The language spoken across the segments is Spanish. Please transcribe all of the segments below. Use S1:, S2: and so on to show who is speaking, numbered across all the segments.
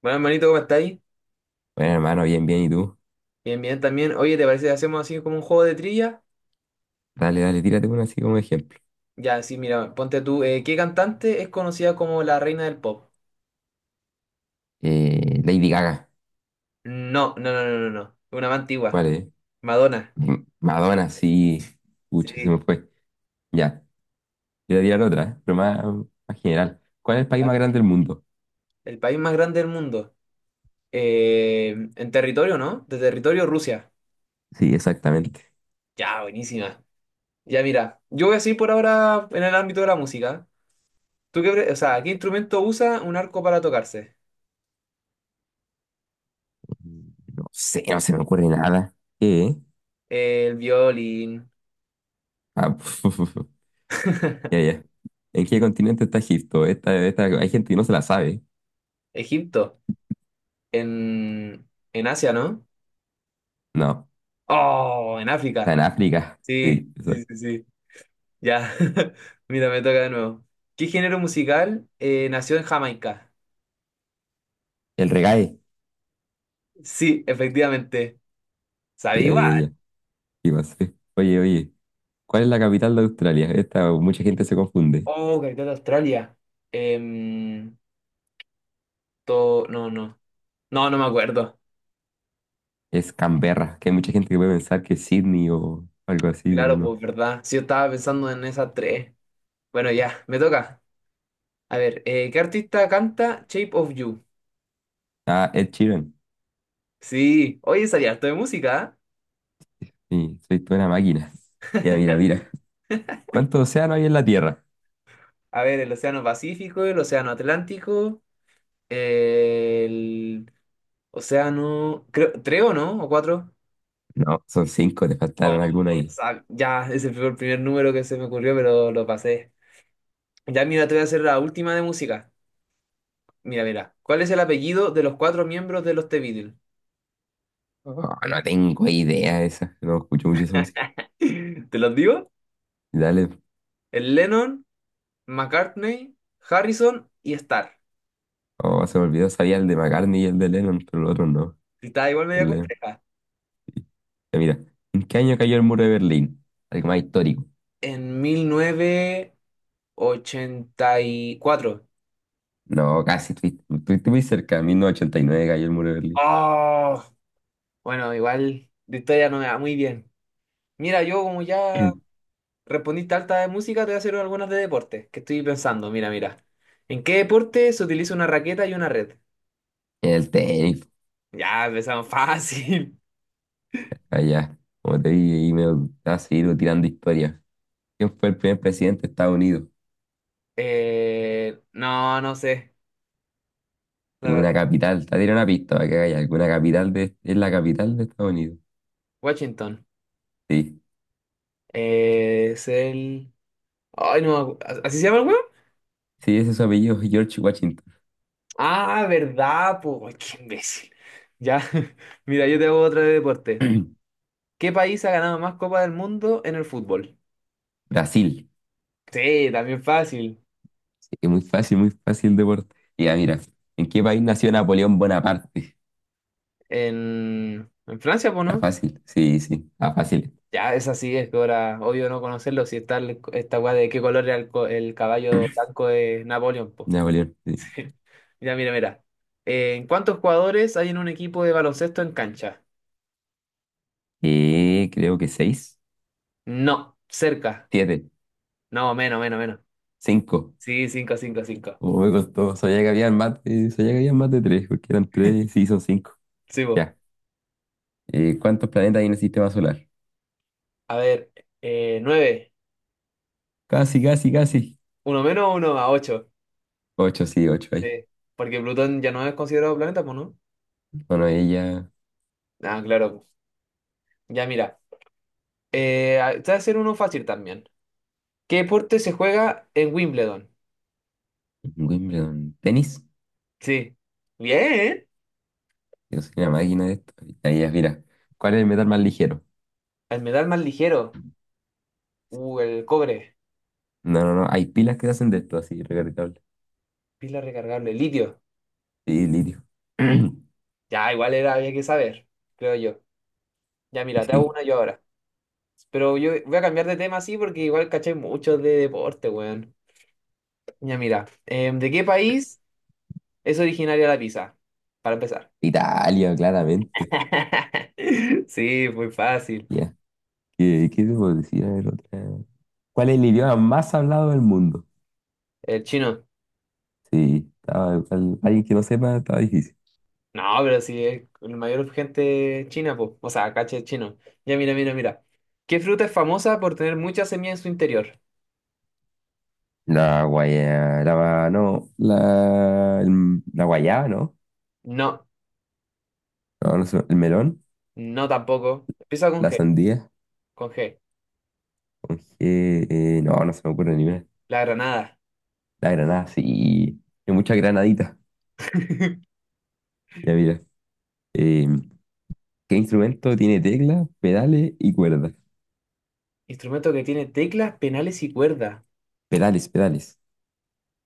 S1: Bueno, hermanito, ¿cómo estáis?
S2: Bueno, hermano, bien, bien, ¿y tú?
S1: Bien, bien también. Oye, ¿te parece que hacemos así como un juego de trivia?
S2: Dale, dale, tírate una así como ejemplo.
S1: Ya, sí, mira, ponte tú. ¿Qué cantante es conocida como la reina del pop?
S2: Lady Gaga.
S1: No, no, no, no, no, no. Una más antigua.
S2: ¿Cuál es?
S1: Madonna.
S2: Madonna, sí. Pucha, se
S1: Sí.
S2: me fue. Ya, voy a tirar otra, ¿eh? Pero más general. ¿Cuál es el país
S1: Ah,
S2: más grande del mundo?
S1: el país más grande del mundo. En territorio, ¿no? De territorio, Rusia.
S2: Sí, exactamente.
S1: Ya, buenísima. Ya, mira, yo voy a seguir por ahora en el ámbito de la música. O sea, ¿qué instrumento usa un arco para tocarse?
S2: No sé, no se me ocurre nada. ¿Qué?
S1: El violín.
S2: Ah, ya, ya. ¿En qué continente está Egipto? Esta, hay gente que no se la sabe.
S1: Egipto. En, en Asia, ¿no?
S2: No,
S1: Oh, en
S2: está
S1: África.
S2: en África.
S1: Sí,
S2: Sí,
S1: sí,
S2: exacto.
S1: sí, sí. Ya. Mira, me toca de nuevo. ¿Qué género musical nació en Jamaica?
S2: El reggae.
S1: Sí, efectivamente.
S2: Ya,
S1: ¿Sabía?
S2: ya, ya. ¿Qué pasó? Oye, oye. ¿Cuál es la capital de Australia? Esta mucha gente se confunde.
S1: Oh, capital de Australia. Em, No, no. No, no me acuerdo.
S2: Es Canberra, que hay mucha gente que puede pensar que es Sydney o algo así, pero
S1: Claro,
S2: no.
S1: pues verdad. Sí, yo estaba pensando en esas tres. Bueno, ya, me toca. A ver, ¿qué artista canta Shape of You?
S2: Ah, Ed Sheeran.
S1: Sí, oye, sabía harto de música. ¿Eh?
S2: Sí, soy toda una máquina. Ya, mira, mira. ¿Cuántos océanos hay en la Tierra?
S1: A ver, el Océano Pacífico, el Océano Atlántico. El océano, creo, ¿tres o no? ¿O cuatro?
S2: No, son cinco, te
S1: Oh,
S2: faltaron alguna ahí.
S1: Ya, ese fue el primer número que se me ocurrió, pero lo pasé. Ya, mira, te voy a hacer la última de música. Mira, mira. ¿Cuál es el apellido de los cuatro miembros de los The Beatles?
S2: Oh, no tengo idea de esa. No escucho mucho esa música.
S1: ¿Te los digo?
S2: Dale.
S1: El Lennon, McCartney, Harrison y Starr.
S2: Oh, se me olvidó. Sabía el de McCartney y el de Lennon, pero los otros no.
S1: Y está igual media
S2: El Lennon,
S1: compleja.
S2: sí. Ya, mira. ¿En qué año cayó el muro de Berlín? Algo más histórico.
S1: En 1984.
S2: No, casi. Estuviste muy cerca. En 1989 cayó el muro de Berlín.
S1: Oh, bueno, igual de historia no me va muy bien. Mira, yo como ya
S2: En
S1: Respondiste alta de música, te voy a hacer algunas de deporte, que estoy pensando, mira, mira. ¿En qué deporte se utiliza una raqueta y una red?
S2: el tenis,
S1: Ya, empezamos fácil.
S2: allá. Como te dije, ahí me va a seguir tirando historias. ¿Quién fue el primer presidente de Estados Unidos?
S1: No, no sé, la
S2: Una
S1: verdad.
S2: capital. Te diré una pista para que haya alguna capital de. Es la capital de Estados Unidos.
S1: Washington.
S2: Sí.
S1: Es el... Ay, no, me ¿así se llama el huevo?
S2: Sí, ese es su apellido, George Washington.
S1: Ah, verdad, pues, qué imbécil. Ya, mira, yo te hago otra de deporte. ¿Qué país ha ganado más Copa del Mundo en el fútbol?
S2: Brasil.
S1: Sí, también fácil.
S2: Sí, es muy fácil deporte. Y ya, mira, ¿en qué país nació Napoleón Bonaparte?
S1: En Francia, pues,
S2: Está
S1: ¿no?
S2: fácil. Sí, sí, está fácil.
S1: Ya, esa sí es ahora, obvio no conocerlo, si está el- esta weá de qué color era el, co- el caballo blanco de Napoleón, po.
S2: Napoleón, sí.
S1: Mira, mira, mira. ¿En cuántos jugadores hay en un equipo de baloncesto en cancha?
S2: Creo que seis,
S1: No, cerca.
S2: siete,
S1: No, menos, menos, menos.
S2: cinco.
S1: Sí, cinco, cinco, cinco.
S2: Oh, me costó. Sabía que había más de tres, porque eran tres, sí, son cinco.
S1: Sí, po.
S2: Ya. ¿Cuántos planetas hay en el sistema solar?
S1: A ver, 9.
S2: Casi, casi, casi.
S1: Uno menos, uno más, ocho.
S2: Ocho, sí, ocho hay.
S1: Sí, porque Plutón ya no es considerado planeta, pues, ¿no?
S2: Bueno, ella,
S1: Ah, claro. Po. Ya, mira. Te voy a hacer uno fácil también. ¿Qué deporte se juega en Wimbledon?
S2: Wimbledon, tenis.
S1: Sí. Bien.
S2: Yo soy una máquina de esto. Ahí ya, mira. ¿Cuál es el metal más ligero?
S1: El metal más ligero. El cobre.
S2: No, no, no. Hay pilas que hacen de esto, así, recargable.
S1: Pila recargable. Litio.
S2: Sí, litio.
S1: Ya, igual era, había que saber, creo yo. Ya, mira, te hago
S2: Sí.
S1: una yo ahora. Pero yo voy a cambiar de tema así porque igual caché mucho de deporte, weón. Ya, mira. ¿De qué país es originaria la pizza? Para empezar.
S2: Italia, claramente.
S1: Sí, muy fácil.
S2: Ya. ¿Qué te puedo decir? A ver, otra. ¿Cuál es el idioma más hablado del mundo?
S1: El chino.
S2: Sí, estaba, alguien que no sepa, estaba difícil.
S1: No, pero sí, es la mayor gente es china, pues. O sea, caché es chino. Ya, mira, mira, mira. ¿Qué fruta es famosa por tener mucha semilla en su interior?
S2: La guaya, la, no, la, la guayaba, ¿no?
S1: No.
S2: No, el melón,
S1: No tampoco. Empieza
S2: la sandía,
S1: Con G.
S2: con G, no, no se me ocurre ni una.
S1: La granada.
S2: La granada, sí, hay muchas granaditas. Ya mira, eh, ¿qué instrumento tiene teclas pedales y cuerdas?
S1: Instrumento que tiene teclas, penales y cuerda.
S2: Pedales, pedales.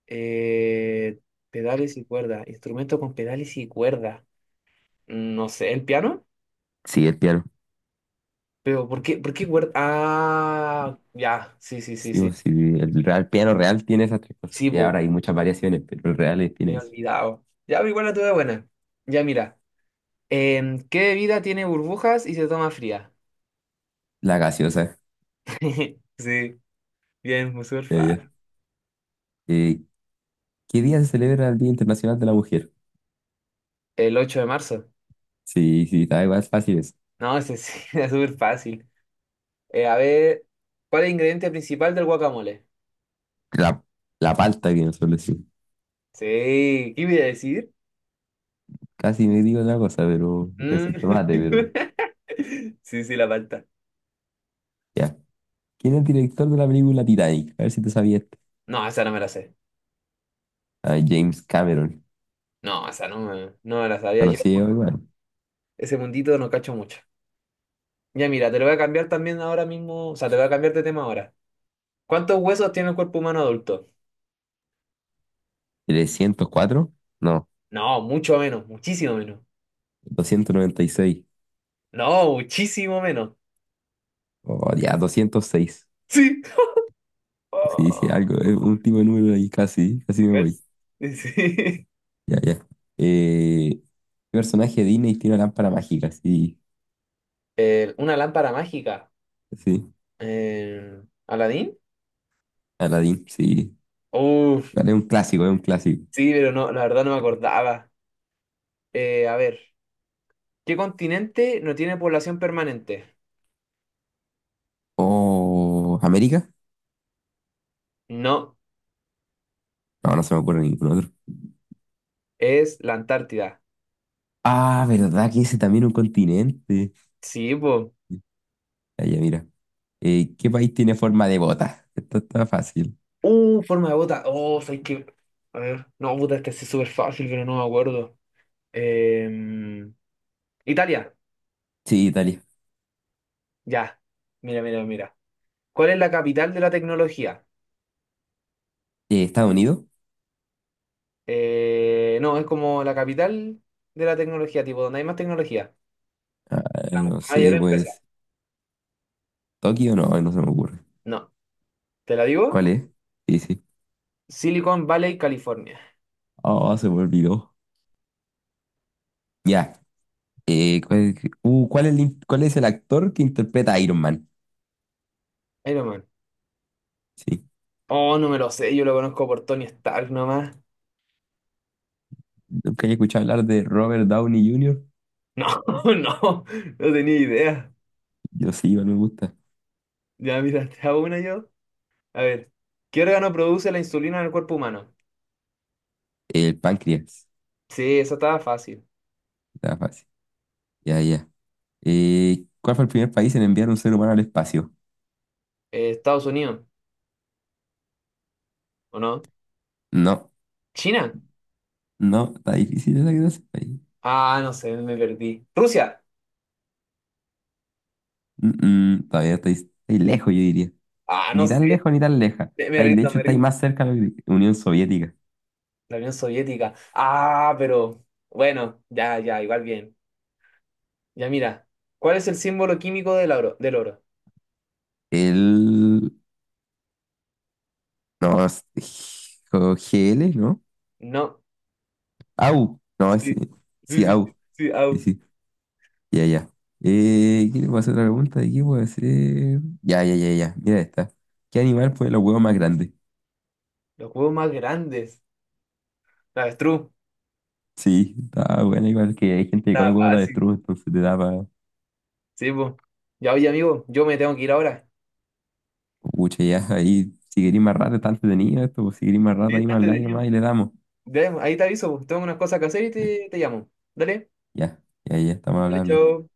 S1: Eh, Pedales y cuerda. Instrumento con pedales y cuerda. No sé, ¿el piano?
S2: Sí, el piano.
S1: Pero por qué cuerda? Ah, ya. Sí, sí, sí,
S2: Sí,
S1: sí.
S2: pues, sí, el real, piano real tiene esas tres cosas.
S1: Sí,
S2: Y
S1: po,
S2: ahora hay muchas variaciones, pero el real
S1: me
S2: tiene
S1: he
S2: eso.
S1: olvidado. Ya, pero igual la tuve buena. Ya, mira. ¿Qué bebida tiene burbujas y se toma fría?
S2: La gaseosa,
S1: Sí, bien, muy súper
S2: ya, ya.
S1: fácil.
S2: Eh, ¿Qué día se celebra el Día Internacional de la Mujer?
S1: El 8 de marzo.
S2: Sí, sí, está igual, es fácil eso.
S1: No, ese sí, era súper fácil. A ver, ¿cuál es el ingrediente principal del guacamole?
S2: La, la palta que suele decir.
S1: Sí, ¿qué iba a decir?
S2: Casi me digo otra cosa, pero voy a
S1: Mm.
S2: decir tomate, pero
S1: Sí, sí, la palta.
S2: ya. ¿Quién es el director de la película Titanic? A ver si te sabías.
S1: No, esa no me la sé.
S2: Ah, James Cameron.
S1: No, esa no me, no me la sabía. Yo
S2: Conocido igual.
S1: ese mundito no cacho mucho. Ya mira, te lo voy a cambiar también ahora mismo. O sea, te voy a cambiar de tema ahora. ¿Cuántos huesos tiene el cuerpo humano adulto?
S2: ¿304? No,
S1: No, mucho menos, muchísimo menos.
S2: 296.
S1: No, muchísimo menos.
S2: Oh, ya, 206.
S1: Sí.
S2: Sí, sí,
S1: Oh,
S2: algo, es un tipo de número ahí, casi, casi me voy.
S1: yes. Sí.
S2: Ya, ya. Eh, ¿Qué personaje de Disney tiene una lámpara mágica? Sí,
S1: Una lámpara mágica.
S2: sí.
S1: ¿Aladín?
S2: Aladdin, sí. Vale, es un clásico, es un clásico.
S1: Sí, pero no, la verdad no me acordaba. A ver, ¿qué continente no tiene población permanente?
S2: Oh, ¿América?
S1: No,
S2: No, no se me ocurre ningún otro.
S1: es la Antártida.
S2: Ah, ¿verdad que ese también es un continente?
S1: Sí, pues.
S2: Allá, mira. ¿Qué país tiene forma de bota? Esto está fácil.
S1: Forma de bota. Oh, sabes que. A ver, no, puta, este sí es súper fácil, pero no me acuerdo. Em, Italia,
S2: Sí, Italia.
S1: ya. Mira, mira, mira. ¿Cuál es la capital de la tecnología?
S2: ¿Estados Unidos?
S1: No, es como la capital de la tecnología, tipo, donde hay más tecnología.
S2: Ah,
S1: La
S2: no
S1: mayor
S2: sé,
S1: empresa.
S2: pues. ¿Tokio? No, no se me ocurre.
S1: No, ¿te la digo?
S2: ¿Cuál es? Sí, sí.
S1: Silicon Valley, California.
S2: Oh, se me olvidó. Ya. Eh, ¿cuál, cuál es el actor que interpreta a Iron Man?
S1: Iron Man.
S2: Sí.
S1: Oh, no me lo sé, yo lo conozco por Tony Stark nomás.
S2: ¿Nunca he escuchado hablar de Robert Downey Jr.?
S1: No, no, no tenía idea.
S2: Yo sí, igual me gusta.
S1: Ya, mira, te hago una yo. A ver, ¿qué órgano produce la insulina en el cuerpo humano?
S2: El páncreas.
S1: Sí, esa estaba fácil.
S2: Está fácil. Ya, ya. ¿Cuál fue el primer país en enviar un ser humano al espacio?
S1: Estados Unidos, ¿o no?
S2: No.
S1: ¿China?
S2: No, está difícil esa que te ahí.
S1: Ah, no sé, me perdí. ¿Rusia?
S2: Mm, Todavía estáis lejos, yo diría.
S1: Ah, no
S2: Ni tan
S1: sé,
S2: lejos ni tan leja.
S1: me
S2: De
S1: rindo,
S2: hecho,
S1: me
S2: estáis
S1: rindo.
S2: más cerca de la Unión Soviética.
S1: La Unión Soviética. Ah, pero bueno, ya, ya, igual bien. Ya, mira, ¿cuál es el símbolo químico del oro? Del oro.
S2: El. No, GL, ¿no?
S1: No.
S2: AU. No, ese.
S1: Sí, sí,
S2: Sí,
S1: sí, sí,
S2: AU.
S1: sí,
S2: Sí,
S1: au.
S2: sí. Ya, ya. ¿Qué le puedo hacer otra pregunta? ¿De qué puedo hacer? Ya, ya, ya, ya. Mira esta. ¿Qué animal pone los huevos más grandes?
S1: Los huevos más grandes. La avestruz.
S2: Sí, está bueno, igual que hay gente que come
S1: Está
S2: huevos de
S1: fácil.
S2: avestruz, entonces te da.
S1: Sí, pues. Ya, oye, amigo, yo me tengo que ir ahora.
S2: Pucha, ya, ahí, si queréis más rato, está entretenido esto, pues, si queréis más
S1: Sí,
S2: rato, ahí
S1: está
S2: más online nomás
S1: entretenido.
S2: y le damos.
S1: Ya, ahí te aviso, pues. Tengo unas cosas que hacer y te llamo. Dale.
S2: Ya, ya, ya, estamos
S1: Vale,
S2: hablando.
S1: chao.